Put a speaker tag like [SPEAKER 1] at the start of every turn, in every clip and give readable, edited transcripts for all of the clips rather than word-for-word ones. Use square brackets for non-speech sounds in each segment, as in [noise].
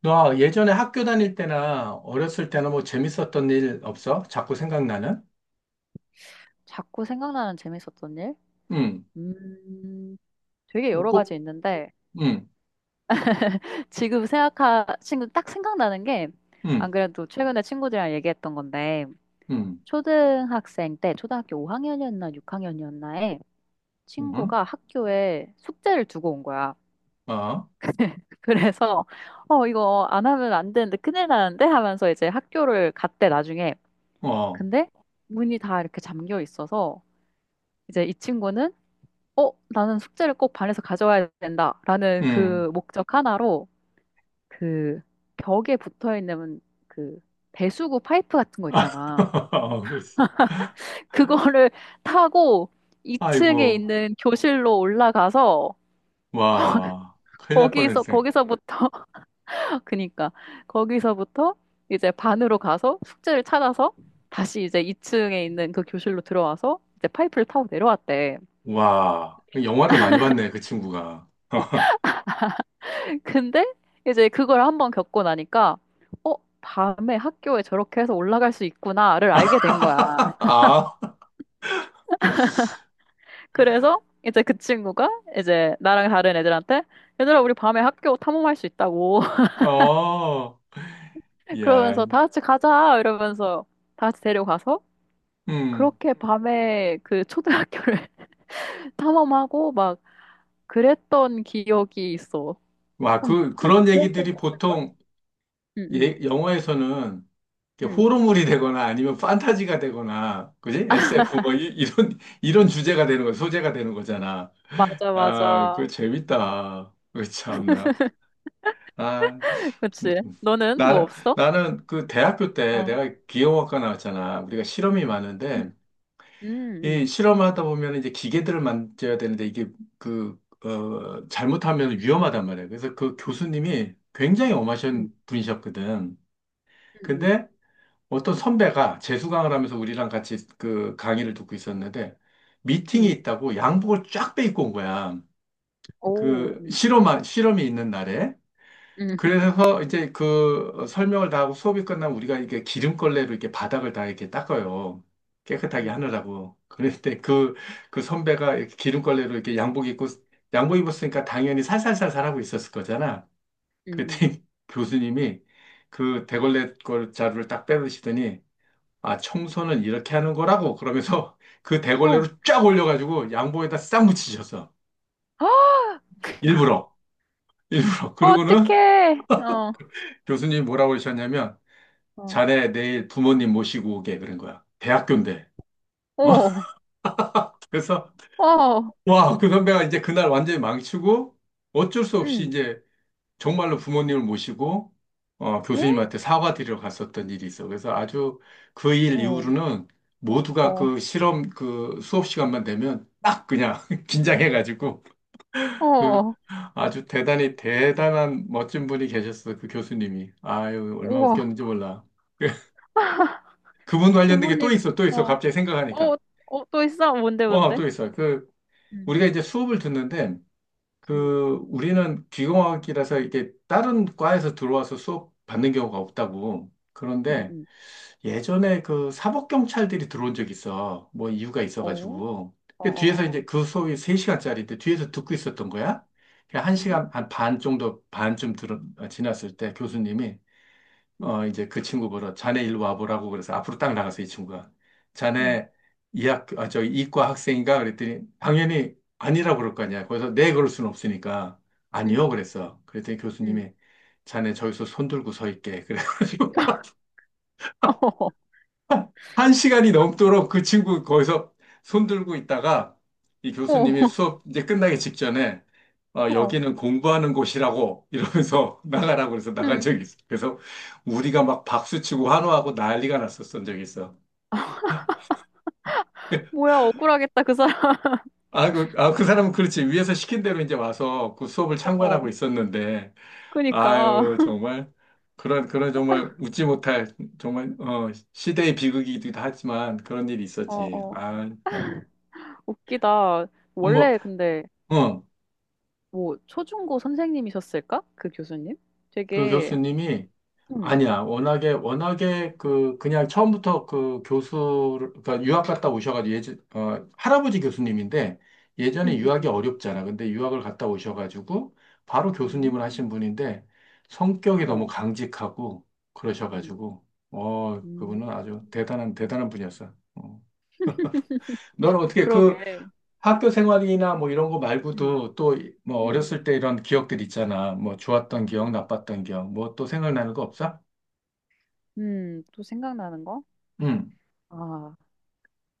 [SPEAKER 1] 너 예전에 학교 다닐 때나 어렸을 때나 뭐 재밌었던 일 없어? 자꾸 생각나는?
[SPEAKER 2] 자꾸 생각나는 재밌었던 일?
[SPEAKER 1] 응,
[SPEAKER 2] 음. 되게
[SPEAKER 1] 뭐
[SPEAKER 2] 여러
[SPEAKER 1] 꼭,
[SPEAKER 2] 가지 있는데,
[SPEAKER 1] 응,
[SPEAKER 2] 지금 딱 생각나는 게, 안
[SPEAKER 1] 응,
[SPEAKER 2] 그래도 최근에 친구들이랑 얘기했던 건데,
[SPEAKER 1] 응,
[SPEAKER 2] 초등학생 때, 초등학교 5학년이었나 6학년이었나에
[SPEAKER 1] 응,
[SPEAKER 2] 친구가 학교에 숙제를 두고 온 거야.
[SPEAKER 1] 어,
[SPEAKER 2] [laughs] 그래서, 이거 안 하면 안 되는데 큰일 나는데? 하면서 이제 학교를 갔대, 나중에.
[SPEAKER 1] 어,
[SPEAKER 2] 근데 문이 다 이렇게 잠겨 있어서, 이제 이 친구는 나는 숙제를 꼭 반에서 가져와야 된다 라는
[SPEAKER 1] 응.
[SPEAKER 2] 그 목적 하나로 그 벽에 붙어 있는 그 배수구 파이프 같은 거 있잖아.
[SPEAKER 1] [laughs] 그랬어.
[SPEAKER 2] 그거를 [laughs] 타고 2층에
[SPEAKER 1] 아이고,
[SPEAKER 2] 있는 교실로 올라가서
[SPEAKER 1] 와, 큰일 날 뻔했네.
[SPEAKER 2] 거기서부터, [laughs] 그니까, 거기서부터 이제 반으로 가서 숙제를 찾아서 다시 이제 2층에 있는 그 교실로 들어와서 이제 파이프를 타고 내려왔대.
[SPEAKER 1] 와, 영화를 많이 봤네, 그 친구가. [laughs]
[SPEAKER 2] 근데 이제 그걸 한번 겪고 나니까 어, 밤에 학교에 저렇게 해서 올라갈 수 있구나를 알게 된 거야. [laughs]
[SPEAKER 1] 아,
[SPEAKER 2] 그래서 이제 그 친구가 이제 나랑 다른 애들한테 얘들아 우리 밤에 학교 탐험할 수 있다고 [laughs]
[SPEAKER 1] 어, 야,
[SPEAKER 2] 그러면서 다 같이 가자 이러면서 다 같이 데려가서
[SPEAKER 1] 음,
[SPEAKER 2] 그렇게 밤에 그 초등학교를 [laughs] 탐험하고 막 그랬던 기억이 있어.
[SPEAKER 1] 와,
[SPEAKER 2] 한,
[SPEAKER 1] 그,
[SPEAKER 2] 한
[SPEAKER 1] 그런
[SPEAKER 2] 두세 번
[SPEAKER 1] 얘기들이
[SPEAKER 2] 갔을걸?
[SPEAKER 1] 보통,
[SPEAKER 2] 응, 응,
[SPEAKER 1] 예, 영화에서는 이렇게
[SPEAKER 2] 응.
[SPEAKER 1] 호러물이 되거나 아니면 판타지가 되거나, 그지?
[SPEAKER 2] [laughs]
[SPEAKER 1] SF 뭐 이, 이런 이런 주제가 되는 거, 소재가 되는 거잖아.
[SPEAKER 2] 맞아,
[SPEAKER 1] 아, 그
[SPEAKER 2] 맞아.
[SPEAKER 1] 재밌다. 그 참나. 아,
[SPEAKER 2] 그치. 너는 뭐
[SPEAKER 1] 나는
[SPEAKER 2] 없어?
[SPEAKER 1] 나는 그 대학교 때
[SPEAKER 2] 어.
[SPEAKER 1] 내가 기계공학과 나왔잖아. 우리가 실험이
[SPEAKER 2] 음,
[SPEAKER 1] 많은데
[SPEAKER 2] 음,
[SPEAKER 1] 이 실험하다 보면 이제 기계들을 만져야 되는데 이게 그 잘못하면 위험하단 말이야. 그래서 그 교수님이 굉장히
[SPEAKER 2] 음,
[SPEAKER 1] 엄하신 분이셨거든.
[SPEAKER 2] 음, 음,
[SPEAKER 1] 근데 어떤 선배가 재수강을 하면서 우리랑 같이 그 강의를 듣고 있었는데 미팅이
[SPEAKER 2] 음.
[SPEAKER 1] 있다고 양복을 쫙 빼입고 온 거야.
[SPEAKER 2] 오,
[SPEAKER 1] 그 실험한 실험이 있는 날에.
[SPEAKER 2] 음,
[SPEAKER 1] 그래서 이제 그 설명을 다 하고 수업이 끝나면 우리가 이게 기름걸레로 이렇게 바닥을 다 이렇게 닦아요. 깨끗하게
[SPEAKER 2] 음,
[SPEAKER 1] 하느라고. 그런데 그, 그 선배가 이렇게 기름걸레로 이렇게 양복 입고, 양복 입었으니까 당연히 살살살살 하고 있었을 거잖아.
[SPEAKER 2] 음,
[SPEAKER 1] 그랬더니 [laughs] 교수님이 그 대걸레 걸 자루를 딱 빼드시더니 아, 청소는 이렇게 하는 거라고. 그러면서 [laughs] 그
[SPEAKER 2] 어,
[SPEAKER 1] 대걸레로 쫙 올려가지고 양복에다 싹 묻히셨어.
[SPEAKER 2] 아,
[SPEAKER 1] 일부러. 일부러. 그러고는
[SPEAKER 2] 어떡해. 어,
[SPEAKER 1] [laughs] 교수님이 뭐라고 그러셨냐면,
[SPEAKER 2] 어,
[SPEAKER 1] 자네 내일 부모님 모시고 오게. 그런 거야. 대학교인데. 어?
[SPEAKER 2] 오,
[SPEAKER 1] [laughs] 그래서,
[SPEAKER 2] 어,
[SPEAKER 1] 와, 그 선배가 이제 그날 완전히 망치고, 어쩔 수 없이
[SPEAKER 2] 음,
[SPEAKER 1] 이제 정말로 부모님을 모시고, 어,
[SPEAKER 2] 에?
[SPEAKER 1] 교수님한테 사과드리러 갔었던 일이 있어. 그래서 아주 그 일
[SPEAKER 2] 어,
[SPEAKER 1] 이후로는 모두가
[SPEAKER 2] 어,
[SPEAKER 1] 그 실험, 그 수업 시간만 되면 딱 그냥 [laughs] 긴장해가지고, 그
[SPEAKER 2] 어,
[SPEAKER 1] 아주 대단히 대단한 멋진 분이 계셨어, 그 교수님이. 아유, 얼마나
[SPEAKER 2] 우와,
[SPEAKER 1] 웃겼는지 몰라. [laughs] 그분 관련된 게 또
[SPEAKER 2] 부모님,
[SPEAKER 1] 있어, 또 있어.
[SPEAKER 2] 어,
[SPEAKER 1] 갑자기 생각하니까.
[SPEAKER 2] 어, 어, 또 있어? 뭔데,
[SPEAKER 1] 와,
[SPEAKER 2] 뭔데?
[SPEAKER 1] 또 있어. 그,
[SPEAKER 2] 음,
[SPEAKER 1] 우리가 이제 수업을 듣는데,
[SPEAKER 2] 음,
[SPEAKER 1] 그, 우리는 귀공학이라서 이렇게 다른 과에서 들어와서 수업 받는 경우가 없다고.
[SPEAKER 2] 음,
[SPEAKER 1] 그런데
[SPEAKER 2] 음,
[SPEAKER 1] 예전에 그 사법경찰들이 들어온 적이 있어. 뭐 이유가
[SPEAKER 2] 어,
[SPEAKER 1] 있어가지고.
[SPEAKER 2] 어, 어,
[SPEAKER 1] 그 뒤에서 이제
[SPEAKER 2] 어,
[SPEAKER 1] 그 소위 3시간짜리인데 뒤에서 듣고 있었던 거야. 한
[SPEAKER 2] 음,
[SPEAKER 1] 시간 한 반 정도, 반쯤 지났을 때 교수님이,
[SPEAKER 2] 음,
[SPEAKER 1] 어, 이제 그 친구 보러, 자네 일로 와보라고 그래서 앞으로 딱 나가서 이 친구가.
[SPEAKER 2] 음,
[SPEAKER 1] 자네 이 학, 아, 저 이과 학생인가? 그랬더니 당연히 아니라고 그럴 거 아니야. 거기서 네, 그럴 수는 없으니까. 아니요,
[SPEAKER 2] 음,
[SPEAKER 1] 그랬어. 그랬더니
[SPEAKER 2] 음.
[SPEAKER 1] 교수님이 자네 저기서 손 들고 서 있게. [laughs] 그래가지고.
[SPEAKER 2] [laughs] 어,
[SPEAKER 1] 한 시간이 넘도록 그 친구 거기서 손 들고 있다가 이
[SPEAKER 2] 어,
[SPEAKER 1] 교수님이 수업 이제 끝나기 직전에 어,
[SPEAKER 2] 어,
[SPEAKER 1] 여기는 공부하는 곳이라고 이러면서 [laughs] 나가라고 그래서 나간
[SPEAKER 2] 음,
[SPEAKER 1] 적이 있어. 그래서 우리가 막 박수치고 환호하고 난리가 났었던 적이 있어. [laughs]
[SPEAKER 2] 뭐야, 억울하겠다, 그 사람.
[SPEAKER 1] 아, 그, 아, 그 사람은 그렇지. 위에서 시킨 대로 이제 와서 그 수업을
[SPEAKER 2] 어,
[SPEAKER 1] 참관하고 있었는데,
[SPEAKER 2] 그니까,
[SPEAKER 1] 아유, 정말, 그런, 그런 정말 웃지 못할, 정말, 어, 시대의 비극이기도 하지만 그런 일이
[SPEAKER 2] 어,
[SPEAKER 1] 있었지.
[SPEAKER 2] 어.
[SPEAKER 1] 아, 참.
[SPEAKER 2] 웃기다.
[SPEAKER 1] 어, 뭐,
[SPEAKER 2] 원래 근데
[SPEAKER 1] 어.
[SPEAKER 2] 뭐 초중고 선생님이셨을까? 그 교수님?
[SPEAKER 1] 그
[SPEAKER 2] 되게
[SPEAKER 1] 교수님이
[SPEAKER 2] 음,
[SPEAKER 1] 아니야. 워낙에 워낙에 그 그냥 처음부터 그 교수 그러니까 유학 갔다 오셔가지고 예전 할아버지 교수님인데
[SPEAKER 2] 음,
[SPEAKER 1] 예전에
[SPEAKER 2] 음,
[SPEAKER 1] 유학이
[SPEAKER 2] 음.
[SPEAKER 1] 어렵잖아. 근데 유학을 갔다 오셔가지고 바로 교수님을
[SPEAKER 2] 음.
[SPEAKER 1] 하신 분인데 성격이 너무
[SPEAKER 2] 우와.
[SPEAKER 1] 강직하고
[SPEAKER 2] 음.
[SPEAKER 1] 그러셔가지고 어 그분은
[SPEAKER 2] 음.
[SPEAKER 1] 아주 대단한 대단한 분이었어. 어. 너는 어떻게 그
[SPEAKER 2] 그러게.
[SPEAKER 1] 학교 생활이나 뭐 이런 거
[SPEAKER 2] 음.
[SPEAKER 1] 말고도 또 뭐
[SPEAKER 2] 음. 음.
[SPEAKER 1] 어렸을 때 이런 기억들 있잖아. 뭐 좋았던 기억,
[SPEAKER 2] 음.
[SPEAKER 1] 나빴던 기억, 뭐 또 생각나는 거 없어?
[SPEAKER 2] 음. 또 생각나는 거?
[SPEAKER 1] 응,
[SPEAKER 2] 아,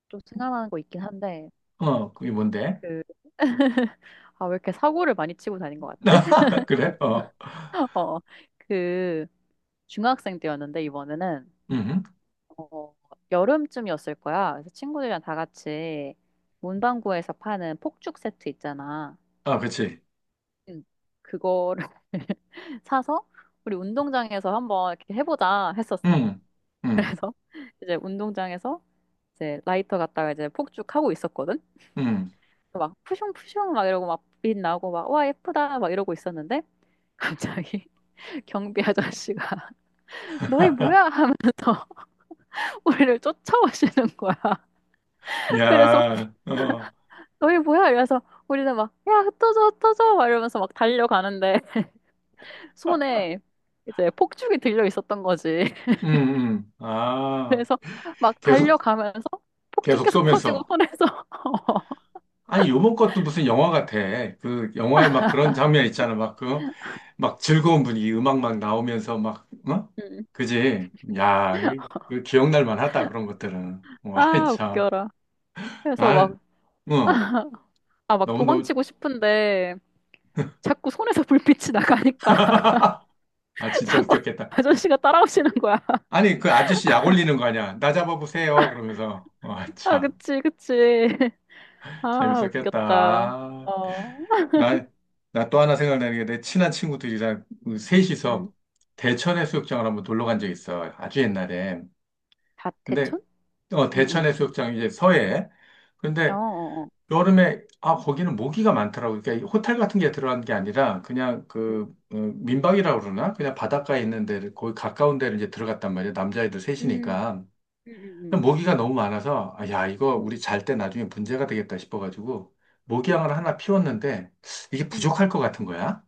[SPEAKER 2] 또 생각나는 거 있긴 한데
[SPEAKER 1] 어, 그게 뭔데?
[SPEAKER 2] 그 [laughs] 아, 왜 이렇게 사고를 많이 치고 다닌 것 같지?
[SPEAKER 1] [laughs] 그래? 어,
[SPEAKER 2] [laughs] 어. 그 중학생 때였는데 이번에는
[SPEAKER 1] 음,
[SPEAKER 2] 어, 여름쯤이었을 거야. 그래서 친구들이랑 다 같이 문방구에서 파는 폭죽 세트 있잖아.
[SPEAKER 1] 아, 그치.
[SPEAKER 2] 응. 그거를 [laughs] 사서 우리 운동장에서 한번 이렇게 해보자 했었어.
[SPEAKER 1] 응, 응,
[SPEAKER 2] 그래서 [laughs] 이제 운동장에서 이제 라이터 갖다가 이제 폭죽 하고 있었거든.
[SPEAKER 1] 응.
[SPEAKER 2] 막 푸슝푸슝 막 이러고 막 빛 나고 막 와 예쁘다 막 이러고 있었는데 갑자기 [laughs] 경비 아저씨가 [laughs] 너희 뭐야
[SPEAKER 1] [laughs]
[SPEAKER 2] 하면서 [laughs] 우리를 쫓아오시는 거야. [laughs] 그래서
[SPEAKER 1] 야, 어,
[SPEAKER 2] 너희 뭐야? 이래서 우리는 막, 야, 흩어져, 흩어져! 막 이러면서 막 달려가는데, [laughs] 손에 이제 폭죽이 들려 있었던 거지. [laughs]
[SPEAKER 1] 응, 응. 아,
[SPEAKER 2] 그래서 막
[SPEAKER 1] 계속,
[SPEAKER 2] 달려가면서 폭죽
[SPEAKER 1] 계속
[SPEAKER 2] 계속 터지고
[SPEAKER 1] 쏘면서.
[SPEAKER 2] 손에서. [laughs]
[SPEAKER 1] 아니, 요번 것도 무슨 영화 같아. 그, 영화에 막 그런 장면 있잖아. 막 그, 막 즐거운 분위기, 음악 막 나오면서 막, 어?
[SPEAKER 2] 음.
[SPEAKER 1] 그지? 야, 그, 그 기억날 만하다. 그런 것들은. 와, [laughs]
[SPEAKER 2] 아,
[SPEAKER 1] 참.
[SPEAKER 2] 웃겨라. 그래서
[SPEAKER 1] 난,
[SPEAKER 2] 막,
[SPEAKER 1] 어,
[SPEAKER 2] 아, 막
[SPEAKER 1] 너무너무.
[SPEAKER 2] 도망치고 싶은데, 자꾸 손에서 불빛이 나가니까,
[SPEAKER 1] [laughs] 아,
[SPEAKER 2] [laughs]
[SPEAKER 1] 진짜
[SPEAKER 2] 자꾸
[SPEAKER 1] 웃겼겠다.
[SPEAKER 2] 아저씨가 따라오시는 거야. [laughs]
[SPEAKER 1] 아니, 그 아저씨 약 올리는 거 아니야. 나 잡아보세요. 그러면서. 와,
[SPEAKER 2] 아,
[SPEAKER 1] 참.
[SPEAKER 2] 그치, 그치. [laughs] 아,
[SPEAKER 1] 재밌었겠다.
[SPEAKER 2] 웃겼다.
[SPEAKER 1] 아,
[SPEAKER 2] 어.
[SPEAKER 1] 나, 나 또 하나 생각나는 게 내 친한 친구들이랑 그
[SPEAKER 2] 음.
[SPEAKER 1] 셋이서 대천 해수욕장을 한번 놀러 간 적이 있어. 아주 옛날에. 근데,
[SPEAKER 2] 대천?
[SPEAKER 1] 어,
[SPEAKER 2] 응,
[SPEAKER 1] 대천
[SPEAKER 2] 응.
[SPEAKER 1] 해수욕장 이제 서해.
[SPEAKER 2] 어,
[SPEAKER 1] 근데
[SPEAKER 2] 어, 어.
[SPEAKER 1] 여름에, 아, 거기는 모기가 많더라고. 그러니까 이 호텔 같은 게 들어간 게 아니라 그냥 그,
[SPEAKER 2] 음.
[SPEAKER 1] 어, 민박이라고 그러나? 그냥 바닷가에 있는 데, 거기 가까운 데를 이제 들어갔단 말이야. 남자애들
[SPEAKER 2] 음.
[SPEAKER 1] 셋이니까.
[SPEAKER 2] 응, 응,
[SPEAKER 1] 모기가 너무 많아서 아, 야 이거
[SPEAKER 2] 응,
[SPEAKER 1] 우리 잘 때 나중에 문제가 되겠다 싶어가지고
[SPEAKER 2] 응, 응,
[SPEAKER 1] 모기향을 하나 피웠는데 이게
[SPEAKER 2] 응.
[SPEAKER 1] 부족할 것 같은 거야.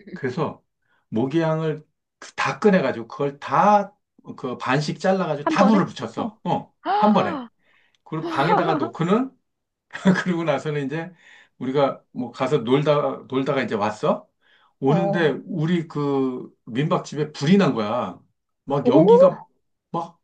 [SPEAKER 2] 응.
[SPEAKER 1] 그래서 모기향을 다 꺼내가지고 그걸 다 그 반씩 잘라가지고
[SPEAKER 2] 한
[SPEAKER 1] 다
[SPEAKER 2] 번에?
[SPEAKER 1] 불을
[SPEAKER 2] 어.
[SPEAKER 1] 붙였어. 어,
[SPEAKER 2] [gasps]
[SPEAKER 1] 한 번에.
[SPEAKER 2] 아,
[SPEAKER 1] 그리고 방에다가
[SPEAKER 2] [laughs]
[SPEAKER 1] 놓고는 [laughs] 그리고 나서는 이제 우리가 뭐 가서 놀다가 이제 왔어?
[SPEAKER 2] 어,
[SPEAKER 1] 오는데 우리 그 민박집에 불이 난 거야. 막
[SPEAKER 2] 오,
[SPEAKER 1] 연기가 막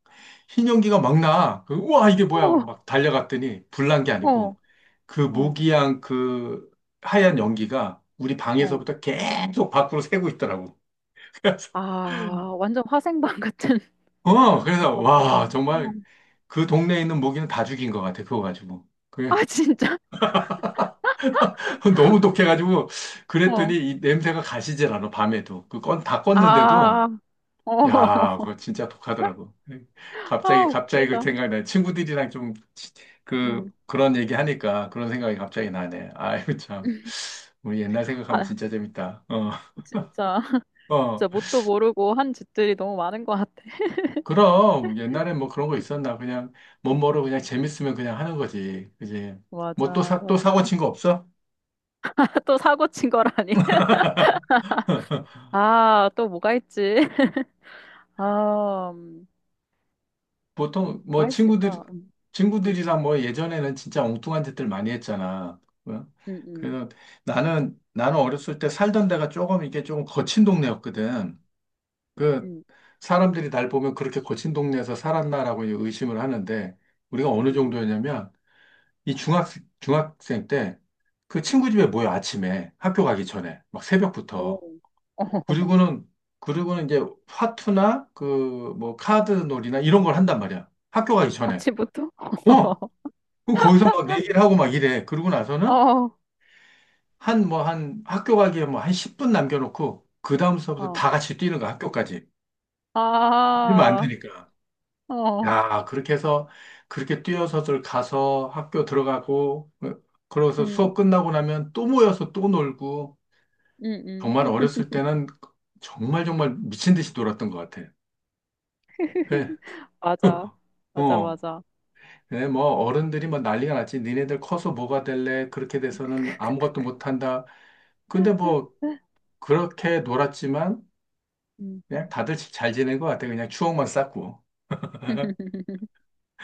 [SPEAKER 1] 흰 연기가 막 나. 그, 우와, 이게 뭐야. 그러고
[SPEAKER 2] 어,
[SPEAKER 1] 막 달려갔더니 불난 게
[SPEAKER 2] 어,
[SPEAKER 1] 아니고 그
[SPEAKER 2] 어,
[SPEAKER 1] 모기향 그 하얀 연기가 우리
[SPEAKER 2] 어.
[SPEAKER 1] 방에서부터 계속 밖으로 새고 있더라고. [laughs] 그래서,
[SPEAKER 2] 아, 완전 화생방 같은.
[SPEAKER 1] 어, 그래서 와,
[SPEAKER 2] 어.
[SPEAKER 1] 정말 그 동네에 있는 모기는 다 죽인 것 같아. 그거 가지고. 그
[SPEAKER 2] 아, 진짜?
[SPEAKER 1] [laughs] 너무 독해가지고 그랬더니
[SPEAKER 2] 어.
[SPEAKER 1] 이 냄새가 가시질 않아 밤에도 그 건 다 껐는데도
[SPEAKER 2] 아, 어.
[SPEAKER 1] 야 그거
[SPEAKER 2] [laughs]
[SPEAKER 1] 진짜 독하더라고
[SPEAKER 2] 아,
[SPEAKER 1] 갑자기 갑자기 그
[SPEAKER 2] 웃기다.
[SPEAKER 1] 생각나 친구들이랑 좀
[SPEAKER 2] 응.
[SPEAKER 1] 그 그런 얘기 하니까 그런 생각이 갑자기 나네 아이고 참 우리 옛날 생각하면
[SPEAKER 2] 아,
[SPEAKER 1] 진짜 재밌다 어
[SPEAKER 2] 진짜.
[SPEAKER 1] 어.
[SPEAKER 2] 진짜 뭣도 모르고 한 짓들이 너무 많은 것 같아.
[SPEAKER 1] 그럼 옛날에 뭐 그런 거 있었나 그냥 못 모르고 그냥 재밌으면 그냥 하는 거지 그지 뭐 또
[SPEAKER 2] 맞아,
[SPEAKER 1] 사 또 사고
[SPEAKER 2] 맞아.
[SPEAKER 1] 친 거 없어?
[SPEAKER 2] [laughs] 또 사고 친 거라니.
[SPEAKER 1] [laughs]
[SPEAKER 2] 아, 또 뭐가 있지? [laughs] 아,
[SPEAKER 1] 보통 뭐
[SPEAKER 2] 뭐가
[SPEAKER 1] 친구들
[SPEAKER 2] 있을까? 응응
[SPEAKER 1] 친구들이랑 뭐 예전에는 진짜 엉뚱한 짓들 많이 했잖아. 뭐,
[SPEAKER 2] 응응
[SPEAKER 1] 그래서 나는 어렸을 때 살던 데가 조금 이게 조금 거친 동네였거든. 그
[SPEAKER 2] 응응
[SPEAKER 1] 사람들이 날 보면 그렇게 거친 동네에서 살았나라고 이제 의심을 하는데 우리가 어느 정도였냐면 이 중학생 때 그
[SPEAKER 2] 응응
[SPEAKER 1] 친구 집에 모여 아침에 학교 가기 전에 막
[SPEAKER 2] 오
[SPEAKER 1] 새벽부터
[SPEAKER 2] [laughs]
[SPEAKER 1] 그리고는 그리고는 이제 화투나 그 뭐 카드 놀이나 이런 걸 한단 말이야. 학교 가기 전에.
[SPEAKER 2] 아침부터
[SPEAKER 1] 어?
[SPEAKER 2] [laughs]
[SPEAKER 1] 그 거기서 막 내기를 하고 막 이래. 그러고 나서는 한 뭐 한 학교 가기에 뭐 한 10분 남겨놓고 그 다음 수업부터 다 같이 뛰는 거야 학교까지. 이러면 안
[SPEAKER 2] 어어아어응응응
[SPEAKER 1] 되니까. 야 그렇게 해서 그렇게 뛰어서들 가서 학교 들어가고 어, 그러고서 수업 끝나고 나면 또 모여서 또 놀고 정말 어렸을 때는 정말 정말 미친 듯이 놀았던 것 같아. 그
[SPEAKER 2] [laughs] 맞아
[SPEAKER 1] [laughs]
[SPEAKER 2] 맞아
[SPEAKER 1] 어.
[SPEAKER 2] 맞아
[SPEAKER 1] 네, 뭐, 어른들이 뭐 난리가 났지. 니네들 커서 뭐가 될래? 그렇게 돼서는 아무것도
[SPEAKER 2] 크크크크
[SPEAKER 1] 못한다. 근데 뭐, 그렇게 놀았지만
[SPEAKER 2] 음.
[SPEAKER 1] 그냥 다들 잘 지낸 것 같아. 그냥 추억만 쌓고.
[SPEAKER 2] [laughs]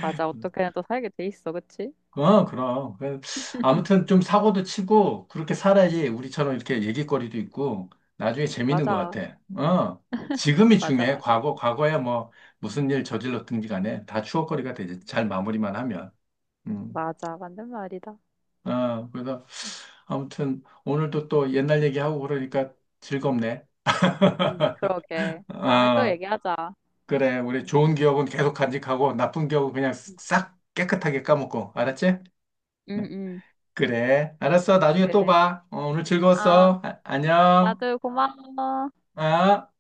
[SPEAKER 2] 맞아 어떻게든 또 살게 돼 있어 그치?
[SPEAKER 1] 어, 그럼. 그, 아무튼 좀 사고도 치고 그렇게
[SPEAKER 2] 음.
[SPEAKER 1] 살아야지 우리처럼 이렇게 얘기거리도 있고 나중에 재밌는 것
[SPEAKER 2] 맞아
[SPEAKER 1] 같아. 어. 지금이
[SPEAKER 2] 맞아
[SPEAKER 1] 중요해.
[SPEAKER 2] 맞아
[SPEAKER 1] 과거, 과거야 뭐 무슨 일 저질렀든지 간에 다 추억거리가 되지. 잘 마무리만 하면. 음.
[SPEAKER 2] 맞아 맞는 말이다
[SPEAKER 1] 어, 그래서 아무튼 오늘도 또 옛날 얘기하고 그러니까 즐겁네.
[SPEAKER 2] 그러게 다음에 또
[SPEAKER 1] 어.
[SPEAKER 2] 얘기하자
[SPEAKER 1] 그래, 우리 좋은 기억은 계속 간직하고 나쁜 기억은 그냥 싹 깨끗하게 까먹고, 알았지?
[SPEAKER 2] 응응
[SPEAKER 1] 그래, 알았어. 나중에 또
[SPEAKER 2] 그래
[SPEAKER 1] 봐. 어, 오늘
[SPEAKER 2] 아
[SPEAKER 1] 즐거웠어. 아- 안녕.
[SPEAKER 2] 나도 고마워
[SPEAKER 1] 아.